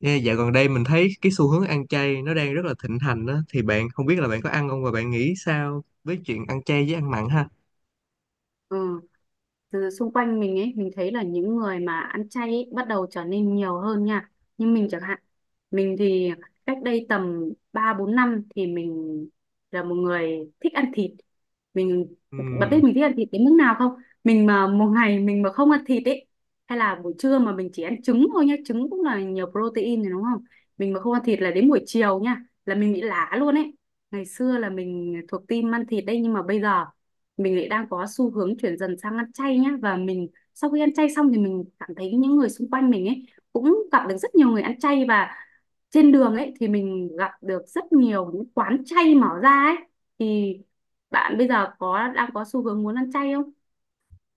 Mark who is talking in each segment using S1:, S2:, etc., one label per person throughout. S1: Ê, dạo gần đây mình thấy cái xu hướng ăn chay nó đang rất là thịnh hành đó thì bạn không biết là bạn có ăn không và bạn nghĩ sao với chuyện ăn chay với ăn mặn ha?
S2: Ừ. Từ xung quanh mình ấy, mình thấy là những người mà ăn chay ấy bắt đầu trở nên nhiều hơn nha, nhưng mình chẳng hạn, mình thì cách đây tầm 3 4 năm thì mình là một người thích ăn thịt. mình
S1: Ừ.
S2: Bạn biết mình thích ăn thịt đến mức nào không? Mình mà một ngày mình mà không ăn thịt ấy, hay là buổi trưa mà mình chỉ ăn trứng thôi nhá, trứng cũng là nhiều protein rồi đúng không. Mình mà không ăn thịt là đến buổi chiều nha là mình bị lả luôn ấy. Ngày xưa là mình thuộc team ăn thịt đấy, nhưng mà bây giờ mình lại đang có xu hướng chuyển dần sang ăn chay nhá, và mình sau khi ăn chay xong thì mình cảm thấy những người xung quanh mình ấy cũng gặp được rất nhiều người ăn chay, và trên đường ấy thì mình gặp được rất nhiều những quán chay mở ra ấy. Thì bạn bây giờ có đang có xu hướng muốn ăn chay không?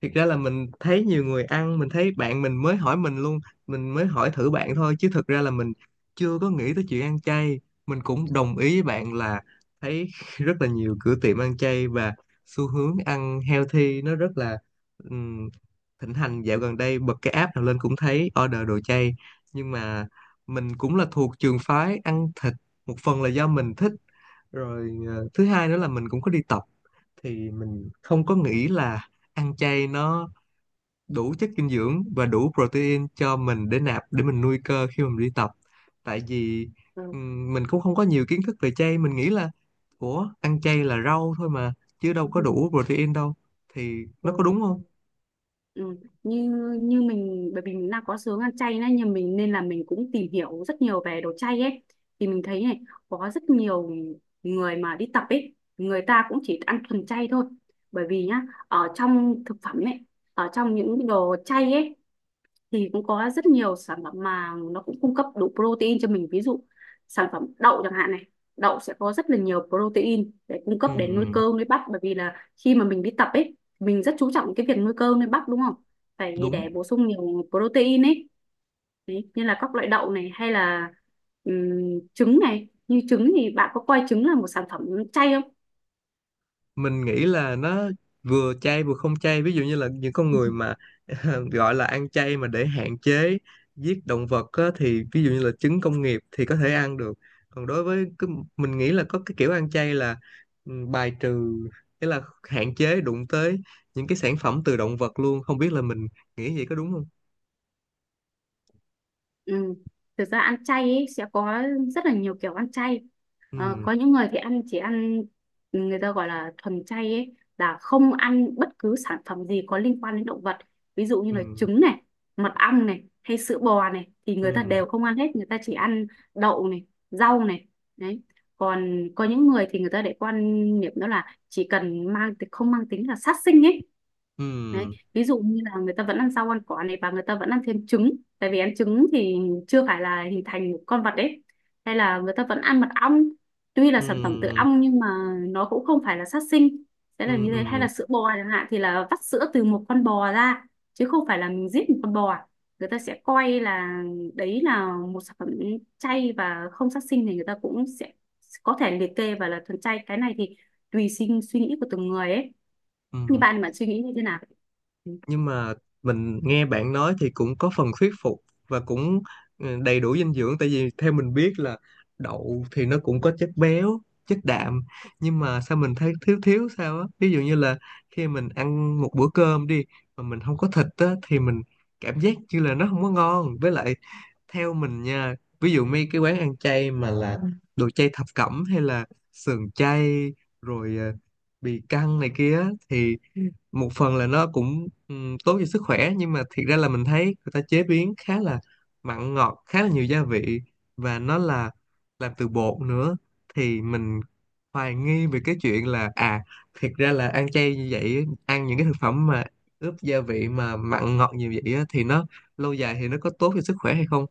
S1: Thực ra là mình thấy nhiều người ăn, mình thấy bạn mình mới hỏi mình luôn, mình mới hỏi thử bạn thôi chứ thực ra là mình chưa có nghĩ tới chuyện ăn chay. Mình cũng đồng ý với bạn là thấy rất là nhiều cửa tiệm ăn chay và xu hướng ăn healthy nó rất là ừm, thịnh hành dạo gần đây, bật cái app nào lên cũng thấy order đồ chay. Nhưng mà mình cũng là thuộc trường phái ăn thịt, một phần là do mình thích, rồi thứ hai nữa là mình cũng có đi tập, thì mình không có nghĩ là ăn chay nó đủ chất dinh dưỡng và đủ protein cho mình để nạp để mình nuôi cơ khi mà mình đi tập. Tại vì mình cũng không có nhiều kiến thức về chay, mình nghĩ là ủa ăn chay là rau thôi mà chứ đâu có đủ protein đâu, thì nó có
S2: Ừ.
S1: đúng không?
S2: Ừ. Như như mình, bởi vì mình đang có xướng ăn chay nên, nhưng mình nên là mình cũng tìm hiểu rất nhiều về đồ chay ấy, thì mình thấy này, có rất nhiều người mà đi tập ấy người ta cũng chỉ ăn thuần chay thôi. Bởi vì nhá, ở trong thực phẩm ấy, ở trong những đồ chay ấy, thì cũng có rất nhiều sản phẩm mà nó cũng cung cấp đủ protein cho mình. Ví dụ sản phẩm đậu chẳng hạn này, đậu sẽ có rất là nhiều protein để cung cấp
S1: Ừ,
S2: để nuôi cơ nuôi bắp, bởi vì là khi mà mình đi tập ấy mình rất chú trọng cái việc nuôi cơ nuôi bắp đúng không, phải
S1: đúng.
S2: để bổ sung nhiều protein ấy. Đấy, như là các loại đậu này, hay là trứng này. Như trứng thì bạn có coi trứng là một sản phẩm chay không?
S1: Mình nghĩ là nó vừa chay vừa không chay, ví dụ như là những con người mà gọi là ăn chay mà để hạn chế giết động vật á, thì ví dụ như là trứng công nghiệp thì có thể ăn được. Còn đối với cái, mình nghĩ là có cái kiểu ăn chay là bài trừ, nghĩa là hạn chế đụng tới những cái sản phẩm từ động vật luôn, không biết là mình nghĩ vậy có đúng không?
S2: Ừ. Thực ra ăn chay ấy, sẽ có rất là nhiều kiểu ăn chay.
S1: Ừ.
S2: Có những người thì ăn, chỉ ăn, người ta gọi là thuần chay ấy, là không ăn bất cứ sản phẩm gì có liên quan đến động vật. Ví dụ như
S1: Ừ.
S2: là trứng này, mật ong này, hay sữa bò này thì người ta
S1: Ừ.
S2: đều không ăn hết, người ta chỉ ăn đậu này, rau này. Đấy. Còn có những người thì người ta lại quan niệm đó là chỉ cần mang, không mang tính là sát sinh ấy. Đấy.
S1: Ừ.
S2: Ví dụ như là người ta vẫn ăn rau ăn quả này, và người ta vẫn ăn thêm trứng, tại vì ăn trứng thì chưa phải là hình thành một con vật đấy. Hay là người ta vẫn ăn mật ong, tuy là sản phẩm từ
S1: Ừ.
S2: ong nhưng mà nó cũng không phải là sát sinh, sẽ
S1: Ừ.
S2: là như thế. Hay
S1: Ừ.
S2: là sữa bò chẳng hạn thì là vắt sữa từ một con bò ra, chứ không phải là mình giết một con bò, người ta sẽ coi là đấy là một sản phẩm chay và không sát sinh, thì người ta cũng sẽ có thể liệt kê và là thuần chay. Cái này thì tùy sinh suy nghĩ của từng người ấy. Như
S1: Ừ.
S2: bạn mà suy nghĩ như thế nào?
S1: Nhưng mà mình nghe bạn nói thì cũng có phần thuyết phục, và cũng đầy đủ dinh dưỡng, tại vì theo mình biết là đậu thì nó cũng có chất béo, chất đạm, nhưng mà sao mình thấy thiếu thiếu sao á, ví dụ như là khi mình ăn một bữa cơm đi mà mình không có thịt á, thì mình cảm giác như là nó không có ngon. Với lại theo mình nha, ví dụ mấy cái quán ăn chay mà là đồ chay thập cẩm hay là sườn chay, rồi bì căng này kia á, thì một phần là nó cũng tốt cho sức khỏe, nhưng mà thiệt ra là mình thấy người ta chế biến khá là mặn ngọt, khá là nhiều gia vị và nó là làm từ bột nữa, thì mình hoài nghi về cái chuyện là thiệt ra là ăn chay như vậy, ăn những cái thực phẩm mà ướp gia vị mà mặn ngọt nhiều vậy á, thì nó lâu dài thì nó có tốt cho sức khỏe hay không.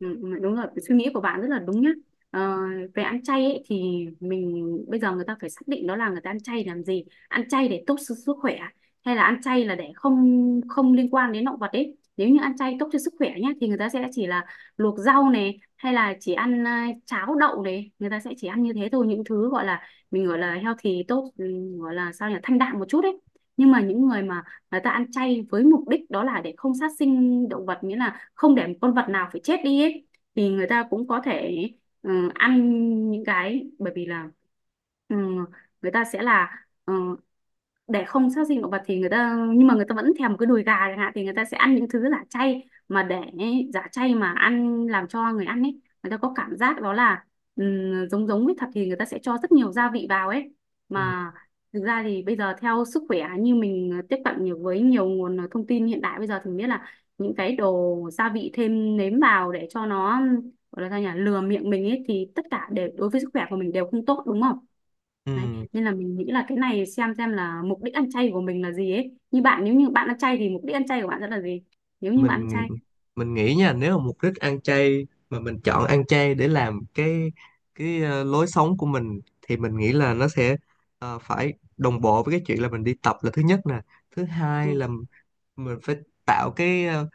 S2: Ừ, đúng rồi, suy nghĩ của bạn rất là đúng nhá. ờ, Về ăn chay ấy, thì mình bây giờ, người ta phải xác định đó là người ta ăn chay làm gì, ăn chay để tốt cho sức khỏe hay là ăn chay là để không, không liên quan đến động vật ấy. Nếu như ăn chay tốt cho sức khỏe nhá thì người ta sẽ chỉ là luộc rau này, hay là chỉ ăn, cháo đậu này, người ta sẽ chỉ ăn như thế thôi, những thứ gọi là, mình gọi là healthy tốt, gọi là sao nhỉ, thanh đạm một chút ấy. Nhưng mà những người mà người ta ăn chay với mục đích đó là để không sát sinh động vật, nghĩa là không để một con vật nào phải chết đi ấy, thì người ta cũng có thể, ăn những cái, bởi vì là, ừ, người ta sẽ là, để không sát sinh động vật thì người ta, nhưng mà người ta vẫn thèm cái đùi gà chẳng hạn, thì người ta sẽ ăn những thứ giả chay, mà để giả chay mà ăn, làm cho người ăn ấy người ta có cảm giác đó là giống giống với thật, thì người ta sẽ cho rất nhiều gia vị vào ấy.
S1: Ừ.
S2: Mà thực ra thì bây giờ theo sức khỏe, như mình tiếp cận nhiều với nhiều nguồn thông tin hiện đại bây giờ thì mình biết là những cái đồ gia vị thêm nếm vào để cho nó gọi là sao nhỉ, lừa miệng mình ấy, thì tất cả đều đối với sức khỏe của mình đều không tốt đúng không. Đấy.
S1: Ừ.
S2: Nên là mình nghĩ là cái này xem là mục đích ăn chay của mình là gì ấy. Như bạn, nếu như bạn ăn chay thì mục đích ăn chay của bạn sẽ là gì? Nếu như bạn ăn
S1: mình
S2: chay.
S1: mình nghĩ nha, nếu mà mục đích ăn chay mà mình chọn ăn chay để làm cái lối sống của mình, thì mình nghĩ là nó sẽ phải đồng bộ với cái chuyện là mình đi tập, là thứ nhất nè. Thứ hai
S2: Ừ.
S1: là mình phải tạo cái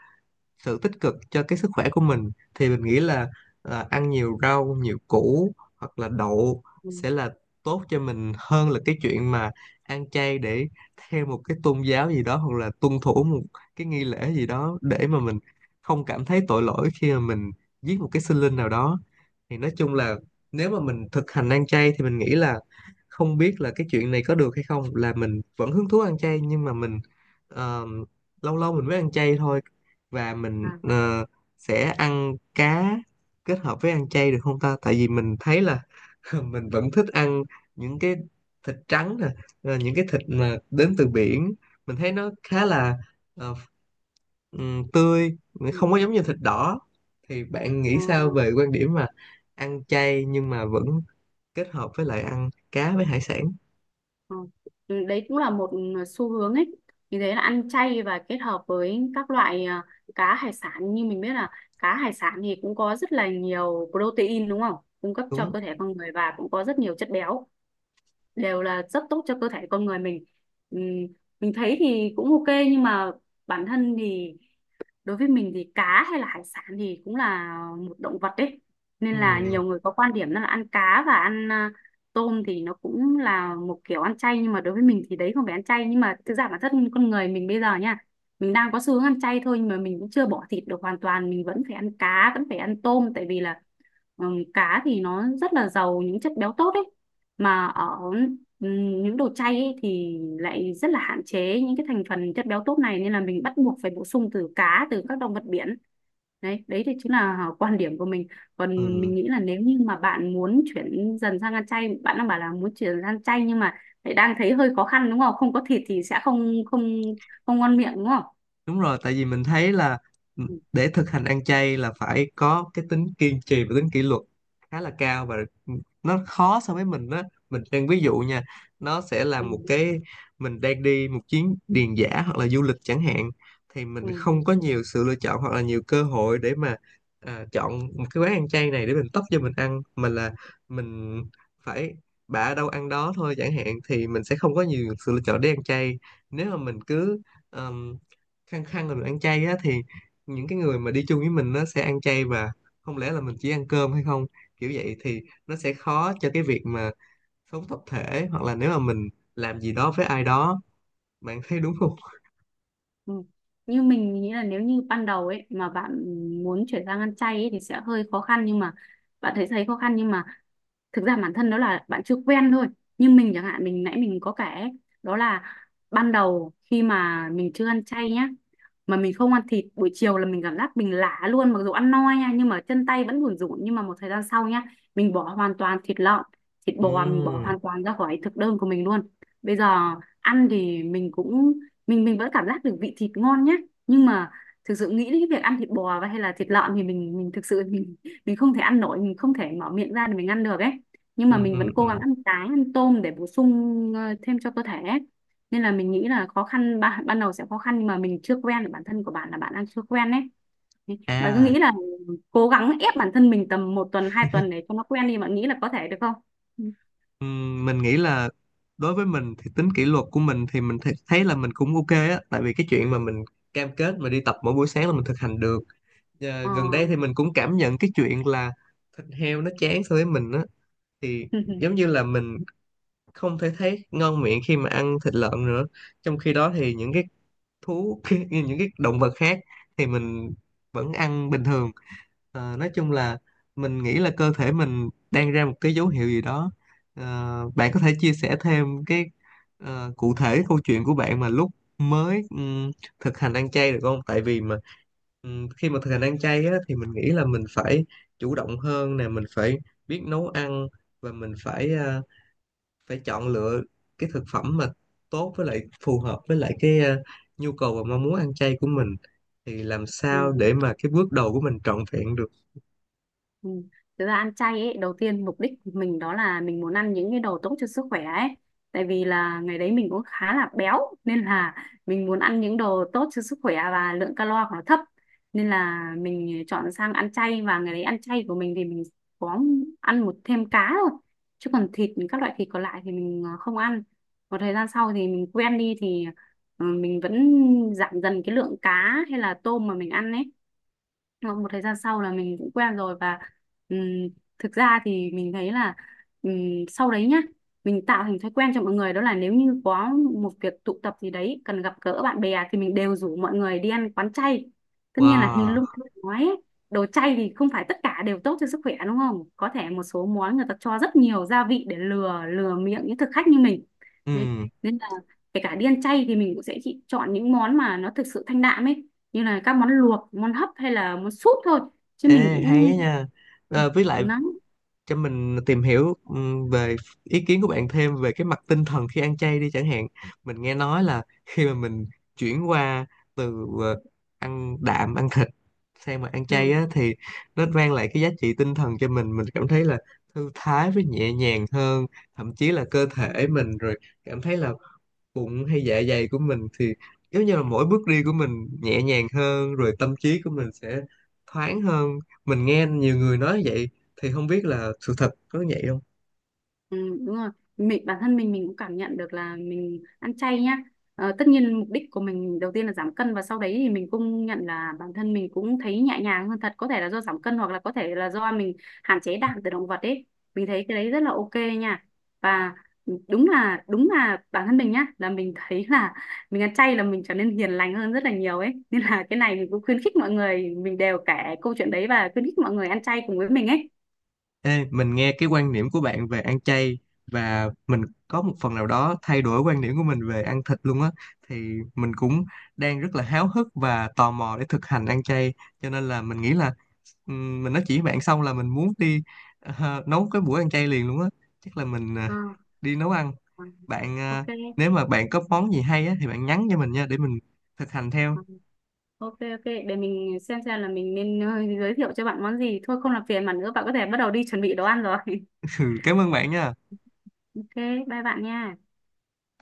S1: sự tích cực cho cái sức khỏe của mình, thì mình nghĩ là ăn nhiều rau nhiều củ hoặc là đậu
S2: Ừ.
S1: sẽ là tốt cho mình hơn là cái chuyện mà ăn chay để theo một cái tôn giáo gì đó hoặc là tuân thủ một cái nghi lễ gì đó để mà mình không cảm thấy tội lỗi khi mà mình giết một cái sinh linh nào đó. Thì nói chung là nếu mà mình thực hành ăn chay thì mình nghĩ là, không biết là cái chuyện này có được hay không, là mình vẫn hứng thú ăn chay nhưng mà mình ờ, lâu lâu mình mới ăn chay thôi, và mình
S2: À.
S1: sẽ ăn cá kết hợp với ăn chay được không ta, tại vì mình thấy là mình vẫn thích ăn những cái thịt trắng nè, những cái thịt mà đến từ biển, mình thấy nó khá là ờ, tươi,
S2: Ừ.
S1: không có
S2: Ừ.
S1: giống như thịt đỏ. Thì bạn nghĩ
S2: Ờ,
S1: sao về quan điểm mà ăn chay nhưng mà vẫn kết hợp với lại ăn cá với hải sản?
S2: ờ. Ừ. Đấy cũng là một xu hướng ấy. Vì thế là ăn chay và kết hợp với các loại, cá hải sản. Như mình biết là cá hải sản thì cũng có rất là nhiều protein đúng không? Cung cấp cho
S1: Đúng.
S2: cơ thể con người, và cũng có rất nhiều chất béo, đều là rất tốt cho cơ thể con người mình. Ừ. Mình thấy thì cũng ok, nhưng mà bản thân thì, đối với mình thì cá hay là hải sản thì cũng là một động vật đấy, nên là
S1: Ừm.
S2: nhiều người có quan điểm đó là ăn cá và ăn, tôm thì nó cũng là một kiểu ăn chay, nhưng mà đối với mình thì đấy không phải ăn chay. Nhưng mà thực ra bản thân con người mình bây giờ nha, mình đang có xu hướng ăn chay thôi, nhưng mà mình cũng chưa bỏ thịt được hoàn toàn, mình vẫn phải ăn cá, vẫn phải ăn tôm. Tại vì là cá thì nó rất là giàu những chất béo tốt ấy, mà ở những đồ chay ấy, thì lại rất là hạn chế những cái thành phần chất béo tốt này, nên là mình bắt buộc phải bổ sung từ cá, từ các động vật biển. Đấy đấy thì chính là quan điểm của mình. Còn
S1: Ừm.
S2: mình nghĩ là nếu như mà bạn muốn chuyển dần sang ăn chay, bạn đang bảo là muốn chuyển sang chay nhưng mà lại đang thấy hơi khó khăn đúng không? Không có thịt thì sẽ không, không, không ngon miệng đúng không.
S1: Đúng rồi, tại vì mình thấy là
S2: Ừ,
S1: để thực hành ăn chay là phải có cái tính kiên trì và tính kỷ luật khá là cao, và nó khó so với mình đó. Mình đang ví dụ nha, nó sẽ là
S2: ừ,
S1: một cái mình đang đi một chuyến điền dã hoặc là du lịch chẳng hạn, thì mình
S2: ừ,
S1: không có nhiều sự lựa chọn hoặc là nhiều cơ hội để mà chọn một cái quán ăn chay này để mình tấp cho mình ăn, mà là mình phải bả đâu ăn đó thôi chẳng hạn, thì mình sẽ không có nhiều sự lựa chọn để ăn chay. Nếu mà mình cứ khăng khăng là được ăn chay á, thì những cái người mà đi chung với mình nó sẽ ăn chay, và không lẽ là mình chỉ ăn cơm hay không, kiểu vậy thì nó sẽ khó cho cái việc mà sống tập thể, hoặc là nếu mà mình làm gì đó với ai đó, bạn thấy đúng không?
S2: ừ. Như mình nghĩ là nếu như ban đầu ấy mà bạn muốn chuyển sang ăn chay ấy, thì sẽ hơi khó khăn. Nhưng mà bạn thấy, thấy khó khăn nhưng mà thực ra bản thân đó là bạn chưa quen thôi. Nhưng mình chẳng hạn, mình nãy mình có kể ấy, đó là ban đầu khi mà mình chưa ăn chay nhá, mà mình không ăn thịt buổi chiều là mình cảm giác mình lả luôn, mặc dù ăn no nha, nhưng mà chân tay vẫn buồn rủn. Nhưng mà một thời gian sau nhá, mình bỏ hoàn toàn thịt lợn, thịt bò mình bỏ
S1: Ừ.
S2: hoàn toàn ra khỏi thực đơn của mình luôn. Bây giờ ăn thì mình cũng, mình vẫn cảm giác được vị thịt ngon nhá, nhưng mà thực sự nghĩ đến cái việc ăn thịt bò hay là thịt lợn thì mình thực sự, mình không thể ăn nổi, mình không thể mở miệng ra để mình ăn được ấy. Nhưng
S1: Ừ.
S2: mà mình
S1: Ừ.
S2: vẫn cố gắng
S1: Ừ.
S2: ăn cá ăn tôm để bổ sung thêm cho cơ thể ấy. Nên là mình nghĩ là khó khăn ban đầu sẽ khó khăn nhưng mà mình chưa quen, bản thân của bạn là bạn đang chưa quen đấy. Thế bạn cứ
S1: À.
S2: nghĩ là cố gắng ép bản thân mình tầm một tuần hai tuần để cho nó quen đi, bạn nghĩ là có thể được không? Ừ.
S1: Mình nghĩ là đối với mình thì tính kỷ luật của mình thì mình thấy là mình cũng ok á, tại vì cái chuyện mà mình cam kết mà đi tập mỗi buổi sáng là mình thực hành được.
S2: Ờ.
S1: Gần đây thì mình cũng cảm nhận cái chuyện là thịt heo nó chán so với mình á, thì giống như là mình không thể thấy ngon miệng khi mà ăn thịt lợn nữa, trong khi đó thì những cái thú như những cái động vật khác thì mình vẫn ăn bình thường. Nói chung là mình nghĩ là cơ thể mình đang ra một cái dấu hiệu gì đó. Ờ, bạn có thể chia sẻ thêm cái cụ thể câu chuyện của bạn mà lúc mới thực hành ăn chay được không, tại vì mà khi mà thực hành ăn chay á, thì mình nghĩ là mình phải chủ động hơn nè, mình phải biết nấu ăn, và mình phải phải chọn lựa cái thực phẩm mà tốt với lại phù hợp với lại cái nhu cầu và mong muốn ăn chay của mình, thì làm sao
S2: Ừ.
S1: để mà cái bước đầu của mình trọn vẹn được.
S2: Ừ. Thực ra ăn chay ấy, đầu tiên mục đích của mình đó là mình muốn ăn những cái đồ tốt cho sức khỏe ấy. Tại vì là ngày đấy mình cũng khá là béo, nên là mình muốn ăn những đồ tốt cho sức khỏe và lượng calo của nó thấp. Nên là mình chọn sang ăn chay. Và ngày đấy ăn chay của mình thì mình có ăn một thêm cá thôi. Chứ còn thịt, các loại thịt còn lại thì mình không ăn. Một thời gian sau thì mình quen đi thì mình vẫn giảm dần cái lượng cá hay là tôm mà mình ăn ấy. Sau một thời gian sau là mình cũng quen rồi, và ừm, thực ra thì mình thấy là ừm, sau đấy nhá, mình tạo thành thói quen cho mọi người đó là nếu như có một việc tụ tập gì đấy cần gặp gỡ bạn bè thì mình đều rủ mọi người đi ăn quán chay. Tất nhiên là như
S1: Wow.
S2: lúc anh nói ấy, đồ chay thì không phải tất cả đều tốt cho sức khỏe đúng không, có thể một số món người ta cho rất nhiều gia vị để lừa lừa miệng những thực khách như mình. Đấy.
S1: Ừ.
S2: Nên là kể cả đi ăn chay thì mình cũng sẽ chỉ chọn những món mà nó thực sự thanh đạm ấy, như là các món luộc, món hấp, hay là món súp thôi, chứ mình
S1: Ê, hay á
S2: cũng
S1: nha. Ờ, với lại
S2: nắng.
S1: cho mình tìm hiểu về ý kiến của bạn thêm về cái mặt tinh thần khi ăn chay đi, chẳng hạn mình nghe nói là khi mà mình chuyển qua từ ăn đạm ăn thịt sang mà ăn chay
S2: Ừ.
S1: á, thì nó mang lại cái giá trị tinh thần cho mình cảm thấy là thư thái với nhẹ nhàng hơn, thậm chí là cơ thể mình rồi cảm thấy là bụng hay dạ dày của mình thì giống như là mỗi bước đi của mình nhẹ nhàng hơn, rồi tâm trí của mình sẽ thoáng hơn. Mình nghe nhiều người nói vậy thì không biết là sự thật có vậy không?
S2: Ừ, đúng rồi, mình bản thân mình cũng cảm nhận được là mình ăn chay nhá. Ờ, tất nhiên mục đích của mình đầu tiên là giảm cân, và sau đấy thì mình cũng nhận là bản thân mình cũng thấy nhẹ nhàng hơn thật, có thể là do giảm cân hoặc là có thể là do mình hạn chế đạm từ động vật ấy. Mình thấy cái đấy rất là ok nha. Và đúng là bản thân mình nhá, là mình thấy là mình ăn chay là mình trở nên hiền lành hơn rất là nhiều ấy, nên là cái này mình cũng khuyến khích mọi người, mình đều kể câu chuyện đấy và khuyến khích mọi người ăn chay cùng với mình ấy.
S1: Ê, mình nghe cái quan điểm của bạn về ăn chay và mình có một phần nào đó thay đổi quan điểm của mình về ăn thịt luôn á, thì mình cũng đang rất là háo hức và tò mò để thực hành ăn chay, cho nên là mình nghĩ là mình nói chuyện với bạn xong là mình muốn đi nấu cái buổi ăn chay liền luôn á, chắc là mình
S2: Ờ,
S1: đi nấu ăn.
S2: ờ,
S1: Bạn
S2: ok.
S1: nếu mà bạn có món gì hay á thì bạn nhắn cho mình nha để mình thực hành theo.
S2: Ờ, Ok ok, để mình xem là mình nên giới thiệu cho bạn món gì. Thôi không làm phiền bạn nữa, bạn có thể bắt đầu đi chuẩn bị đồ ăn rồi.
S1: Ừ, cảm ơn bạn nha.
S2: Ok, bye bạn nha.